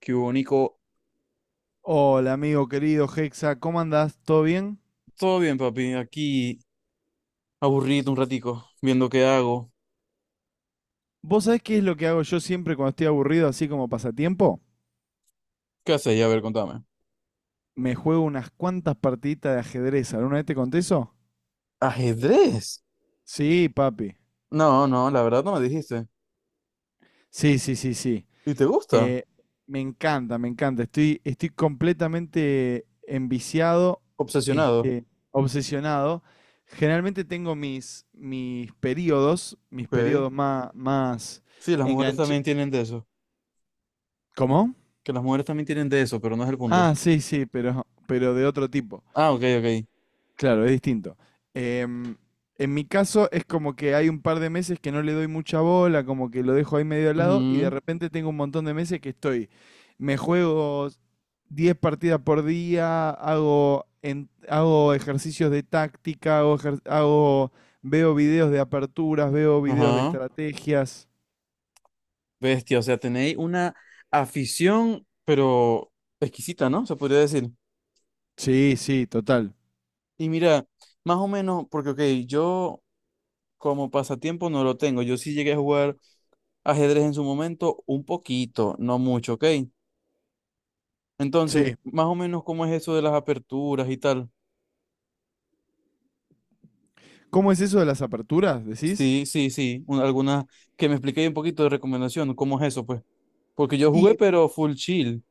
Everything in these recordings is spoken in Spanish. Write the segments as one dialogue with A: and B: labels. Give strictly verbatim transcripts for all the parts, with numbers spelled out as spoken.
A: ¿Qué hubo?
B: Hola, amigo querido Hexa, ¿cómo andás? ¿Todo bien?
A: Todo bien, papi. Aquí aburrido un ratico, viendo qué hago.
B: ¿Vos sabés qué es lo que hago yo siempre cuando estoy aburrido, así como pasatiempo?
A: ¿Qué haces? A ver, contame.
B: Me juego unas cuantas partiditas de ajedrez. ¿Alguna vez te conté eso?
A: ¿Ajedrez?
B: Sí, papi.
A: No, no, la verdad no me dijiste.
B: Sí, sí, sí, sí.
A: ¿Y te gusta?
B: Eh, Me encanta, me encanta. Estoy, estoy completamente enviciado,
A: Obsesionado.
B: este, obsesionado. Generalmente tengo mis, mis periodos, mis
A: Ok.
B: periodos más, más
A: Sí, las mujeres también
B: enganchados.
A: tienen de eso.
B: ¿Cómo?
A: Que las mujeres también tienen de eso, pero no es el punto.
B: Ah, sí, sí, pero, pero de otro tipo.
A: Ah, ok, ok.
B: Claro, es distinto. Em, en mi caso es como que hay un par de meses que no le doy mucha bola, como que lo dejo ahí medio al lado y de
A: Ujú.
B: repente tengo un montón de meses que estoy, me juego diez partidas por día, hago, en- hago ejercicios de táctica, hago, ejer- hago, veo videos de aperturas, veo videos de
A: Ajá.
B: estrategias.
A: Bestia, o sea, tenéis una afición, pero exquisita, ¿no? Se podría decir.
B: Sí, sí, total.
A: Y mira, más o menos, porque, ok, yo como pasatiempo no lo tengo. Yo sí llegué a jugar ajedrez en su momento, un poquito, no mucho, ¿ok? Entonces,
B: Sí.
A: más o menos, ¿cómo es eso de las aperturas y tal?
B: ¿Cómo es eso de las aperturas, decís?
A: Sí, sí, sí, un- alguna que me explique un poquito de recomendación, ¿cómo es eso, pues? Porque yo jugué,
B: Y,
A: pero full chill.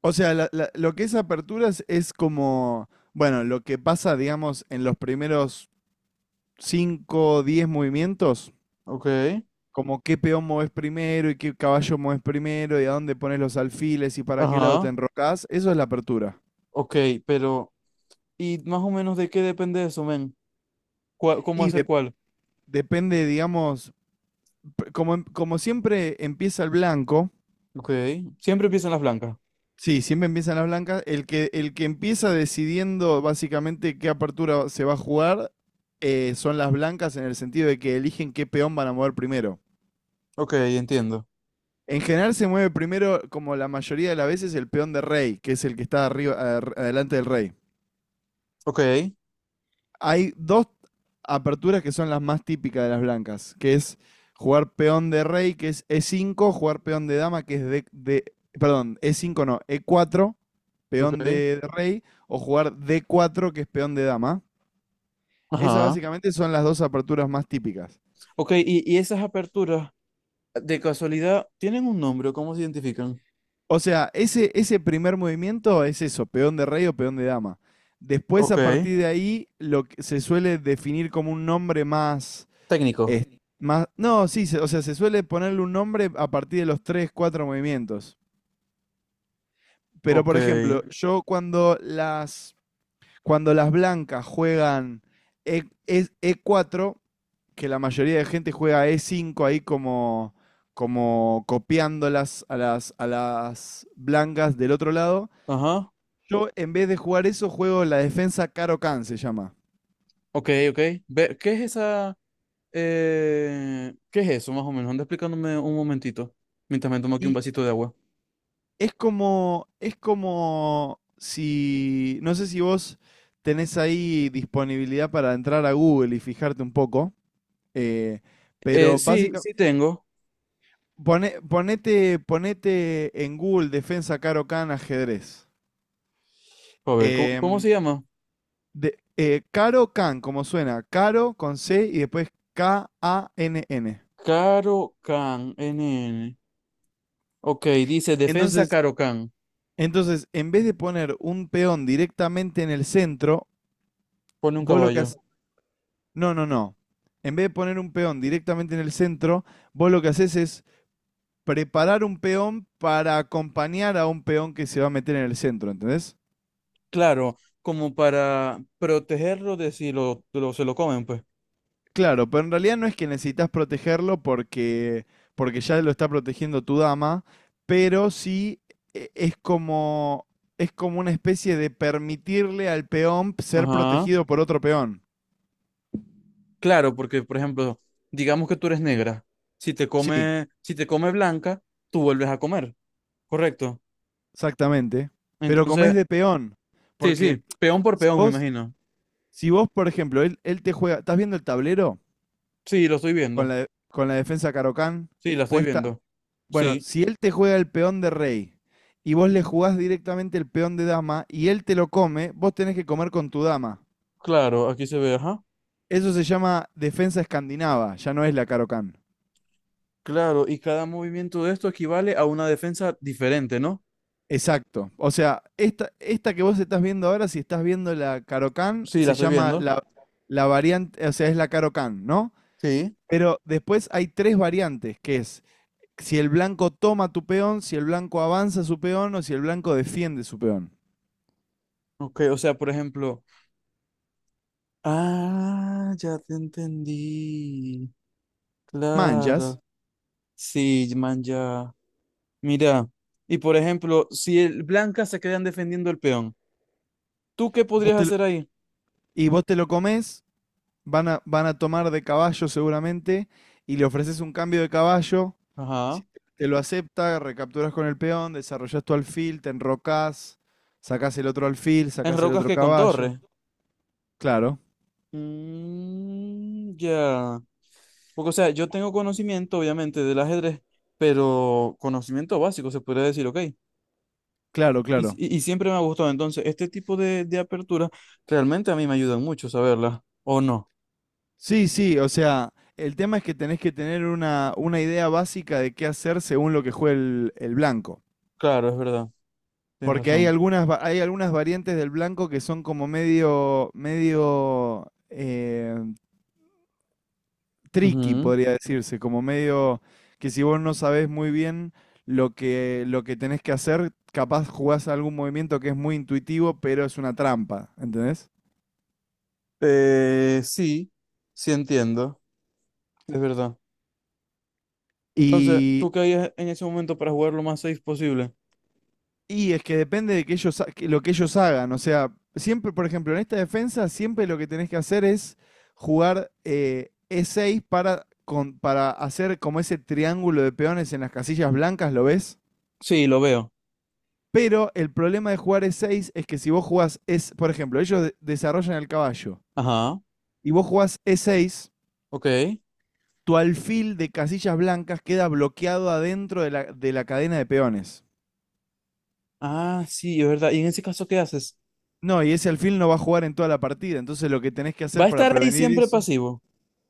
B: o sea, la- la- lo que es aperturas es como, bueno, lo que pasa, digamos, en los primeros cinco o diez movimientos,
A: Ok.
B: como qué peón moves primero y qué caballo moves primero y a dónde pones los alfiles y para qué lado te
A: Ajá,
B: enrocas, eso es la apertura.
A: ok, pero ¿y más o menos de qué depende eso, men? ¿Cuál- ¿Cómo
B: Y
A: hacer
B: de-
A: cuál?
B: Depende, digamos, p- como, em- como siempre empieza el blanco,
A: Ok, siempre empiezan las blancas.
B: sí, siempre empiezan las blancas, el que, el que empieza decidiendo básicamente qué apertura se va a jugar, eh, son las blancas en el sentido de que eligen qué peón van a mover primero.
A: Ok, entiendo.
B: En general se mueve primero, como la mayoría de las veces, el peón de rey, que es el que está arriba, ar- adelante del rey.
A: Ok,
B: Hay dos aperturas que son las más típicas de las blancas, que es jugar peón de rey, que es e cinco, jugar peón de dama, que es de, de- perdón, e cinco no, e cuatro, peón
A: ok.
B: de rey, o jugar d cuatro, que es peón de dama. Esas
A: Ajá.
B: básicamente son las dos aperturas más típicas.
A: Ok, y, y esas aperturas, de casualidad, ¿tienen un nombre o cómo se identifican?
B: O sea, ese, ese primer movimiento es eso, peón de rey o peón de dama. Después,
A: Ok.
B: a partir de ahí, lo que se suele definir como un nombre más,
A: Técnico.
B: es- más... No, sí, se- o sea, se suele ponerle un nombre a partir de los tres, cuatro movimientos. Pero,
A: Ok.
B: por ejemplo, yo cuando las, cuando las blancas juegan E, es E cuatro, que la mayoría de gente juega e cinco ahí como, como copiándolas a las, a las blancas del otro lado.
A: Ajá.
B: Yo, en vez de jugar eso, juego la defensa Caro Can, se llama.
A: Ok, ok. Ve- ¿qué es esa? Eh, ¿qué es eso, más o menos? Anda explicándome un momentito, mientras me tomo aquí un
B: Y
A: vasito de agua.
B: es como, es como si, no sé si vos tenés ahí disponibilidad para entrar a Google y fijarte un poco, eh,
A: Eh,
B: pero
A: sí, sí
B: básicamente,
A: tengo.
B: ponete, ponete en Google defensa Caro Can ajedrez.
A: A ver, ¿cómo, ¿cómo se
B: Em,
A: llama?
B: de- eh, Caro Can, como suena, Caro con C y después K-A-N-N.
A: Caro Can, N. N. Ok, dice defensa
B: Entonces,
A: Caro Can.
B: Entonces, en vez de poner un peón directamente en el centro,
A: Pone un
B: vos lo que
A: caballo.
B: haces... No, no, no. En vez de poner un peón directamente en el centro, vos lo que haces es preparar un peón para acompañar a un peón que se va a meter en el centro, ¿entendés?
A: Claro, como para protegerlo de si lo, lo- se lo comen, pues.
B: Claro, pero en realidad no es que necesitas protegerlo porque, porque ya lo está protegiendo tu dama, pero sí e- es como, es como una especie de permitirle al peón ser
A: Ajá.
B: protegido por otro peón.
A: Claro, porque por ejemplo, digamos que tú eres negra. Si te
B: Sí.
A: come, si te come blanca, tú vuelves a comer, ¿correcto?
B: Exactamente. Pero comés
A: Entonces,
B: de peón.
A: sí,
B: Porque
A: sí, peón por
B: si
A: peón, me
B: vos,
A: imagino.
B: si vos, por ejemplo, él, él te juega, ¿estás viendo el tablero
A: Sí, lo estoy
B: con
A: viendo.
B: la, de- con la defensa Carocán
A: Sí, la estoy
B: puesta?
A: viendo.
B: Bueno,
A: Sí,
B: si él te juega el peón de rey y vos le jugás directamente el peón de dama y él te lo come, vos tenés que comer con tu dama.
A: claro, aquí se ve, ajá.
B: Eso se llama defensa escandinava, ya no es la Carocán.
A: Claro, y cada movimiento de esto equivale a una defensa diferente, ¿no?
B: Exacto. O sea, esta, esta que vos estás viendo ahora, si estás viendo la Carocán,
A: Sí, la
B: se
A: estoy
B: llama
A: viendo.
B: la, la variante, o sea, es la Carocán, ¿no?
A: Sí.
B: Pero después hay tres variantes, que es si el blanco toma tu peón, si el blanco avanza su peón o si el blanco defiende su peón.
A: Ok, o sea, por ejemplo. Ah, ya te entendí.
B: Manchas,
A: Claro. Sí, man, ya. Mira, y por ejemplo, si el Blanca se quedan defendiendo el peón, ¿tú qué
B: vos
A: podrías
B: te lo-
A: hacer ahí?
B: y vos te lo comés, van a, van a tomar de caballo seguramente, y le ofreces un cambio de caballo, si
A: Ajá.
B: te lo acepta, recapturas con el peón, desarrollás tu alfil, te enrocás, sacás el otro alfil,
A: En
B: sacás el
A: rocas
B: otro
A: que con
B: caballo.
A: torres.
B: Claro,
A: Mm, ya. Porque, o sea, yo tengo conocimiento, obviamente, del ajedrez, pero conocimiento básico, se podría decir, ok.
B: claro,
A: Y, s-
B: claro.
A: y- y siempre me ha gustado. Entonces, este tipo de, de aperturas realmente a mí me ayudan mucho saberlas. ¿O no?
B: Sí, sí, o sea, el tema es que tenés que tener una, una idea básica de qué hacer según lo que juegue el, el blanco.
A: Claro, es verdad. Tienes
B: Porque hay
A: razón.
B: algunas, va- hay algunas variantes del blanco que son como medio, medio eh, tricky,
A: Ujú.
B: podría decirse, como medio que si vos no sabés muy bien lo que, lo que tenés que hacer, capaz jugás algún movimiento que es muy intuitivo, pero es una trampa, ¿entendés?
A: Eh, sí, sí entiendo. Es verdad. Entonces, ¿tú qué harías en ese momento para jugar lo más safe posible?
B: Y es que depende de que ellos, ha- que lo que ellos hagan. O sea, siempre, por ejemplo, en esta defensa, siempre lo que tenés que hacer es jugar eh, E seis para, con- para hacer como ese triángulo de peones en las casillas blancas, ¿lo ves?
A: Sí, lo veo.
B: Pero el problema de jugar E seis es que si vos jugás, es, por ejemplo, ellos de- desarrollan el caballo
A: Ajá,
B: y vos jugás E seis,
A: ok.
B: tu alfil de casillas blancas queda bloqueado adentro de la, de la cadena de peones.
A: Ah, sí, es verdad. ¿Y en ese caso qué haces?
B: No, y ese alfil no va a jugar en toda la partida, entonces lo que tenés que
A: Va
B: hacer
A: a
B: para
A: estar ahí
B: prevenir
A: siempre
B: eso...
A: pasivo,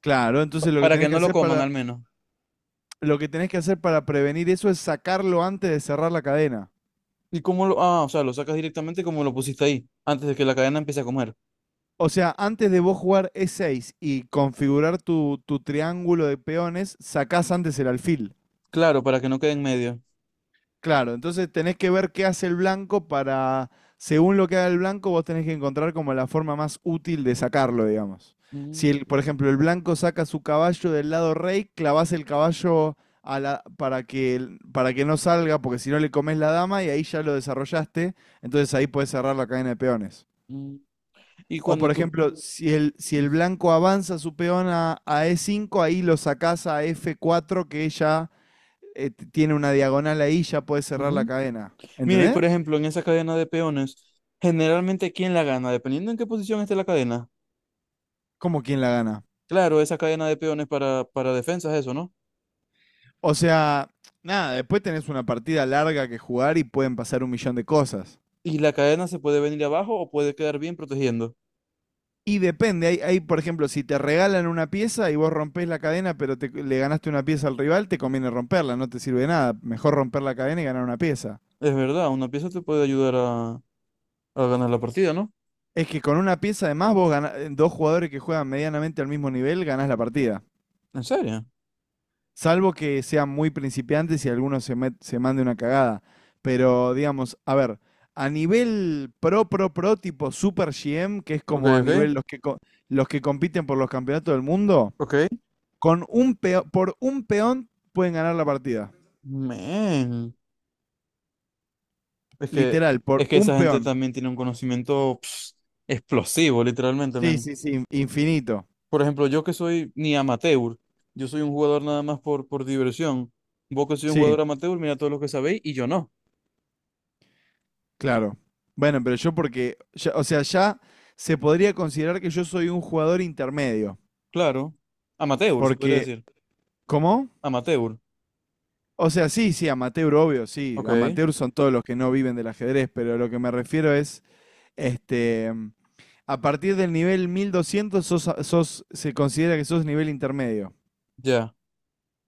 B: Claro,
A: pa-
B: entonces lo que
A: para que
B: tenés que
A: no lo
B: hacer
A: coman al
B: para,
A: menos.
B: lo que tenés que hacer para prevenir eso es sacarlo antes de cerrar la cadena.
A: ¿Y cómo lo...? Ah, o sea, lo sacas directamente como lo pusiste ahí, antes de que la cadena empiece a comer.
B: O sea, antes de vos jugar E seis y configurar tu, tu triángulo de peones, sacás antes el alfil.
A: Claro, para que no quede en medio.
B: Claro, entonces tenés que ver qué hace el blanco para, según lo que haga el blanco, vos tenés que encontrar como la forma más útil de sacarlo, digamos.
A: Mm,
B: Si, el, por ejemplo, el blanco saca su caballo del lado rey, clavás el caballo a la- para que, el- para que no salga, porque si no le comes la dama y ahí ya lo desarrollaste, entonces ahí puedes cerrar la cadena de peones.
A: mm. Y
B: O,
A: cuando
B: por
A: tú...
B: ejemplo, si el, si el blanco avanza su peón a, a E cinco, ahí lo sacás a F cuatro, que ya eh, tiene una diagonal ahí, ya puedes cerrar la
A: Ujú.
B: cadena.
A: Mira, y
B: ¿Entendés?
A: por ejemplo, en esa cadena de peones, generalmente, ¿quién la gana? Dependiendo en qué posición esté la cadena.
B: Como quien la gana.
A: Claro, esa cadena de peones para, para defensas, eso, ¿no?
B: O sea, nada, después tenés una partida larga que jugar y pueden pasar un millón de cosas.
A: Y la cadena se puede venir abajo o puede quedar bien protegiendo.
B: Y depende, hay, hay, por ejemplo, si te regalan una pieza y vos rompés la cadena, pero te- le ganaste una pieza al rival, te conviene romperla, no te sirve de nada. Mejor romper la cadena y ganar una pieza.
A: Es verdad, una pieza te puede ayudar a, a ganar la partida, ¿no?
B: Es que con una pieza además vos gana- dos jugadores que juegan medianamente al mismo nivel, ganás la partida.
A: ¿En serio?
B: Salvo que sean muy principiantes y alguno se, met- se mande una cagada. Pero digamos, a ver, a nivel pro, pro, pro, tipo Super G M, que es
A: Ok,
B: como a
A: ok,
B: nivel los que, co- los que compiten por los campeonatos del mundo,
A: ok.
B: con un peo- por un peón pueden ganar la partida.
A: Men. Es que,
B: Literal, por
A: es que
B: un
A: esa gente
B: peón.
A: también tiene un conocimiento pf, explosivo, literalmente,
B: Sí,
A: men.
B: sí, sí, in- infinito.
A: Por ejemplo, yo que soy ni amateur, yo soy un jugador nada más por, por diversión. Vos que soy un
B: Sí,
A: jugador amateur, mira todo lo que sabéis y yo no.
B: claro. Bueno, pero yo porque, ya- o sea, ya se podría considerar que yo soy un jugador intermedio.
A: Claro. Amateur, se podría
B: Porque,
A: decir.
B: ¿cómo?
A: Amateur.
B: O sea, sí, sí, amateur, obvio, sí.
A: Ok,
B: Amateur son todos los que no viven del ajedrez, pero lo que me refiero es, este, a partir del nivel mil doscientos sos, a- sos- se considera que sos nivel intermedio.
A: ya.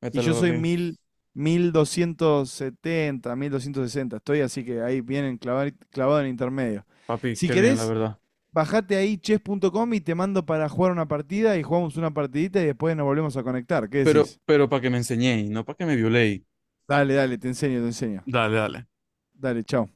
A: ¿Qué
B: Y
A: tal,
B: yo soy
A: papi?
B: mil, mil doscientos setenta, mil doscientos sesenta, estoy así que ahí vienen clavado, clavado en intermedio.
A: Papi,
B: Si
A: qué bien, la
B: querés,
A: verdad.
B: bajate ahí chess punto com y te mando para jugar una partida y jugamos una partidita y después nos volvemos a conectar. ¿Qué
A: pero,
B: decís?
A: pero para que me enseñéis, no para que me violéis.
B: Dale, dale, te enseño, te enseño.
A: Dale, dale.
B: Dale, chao.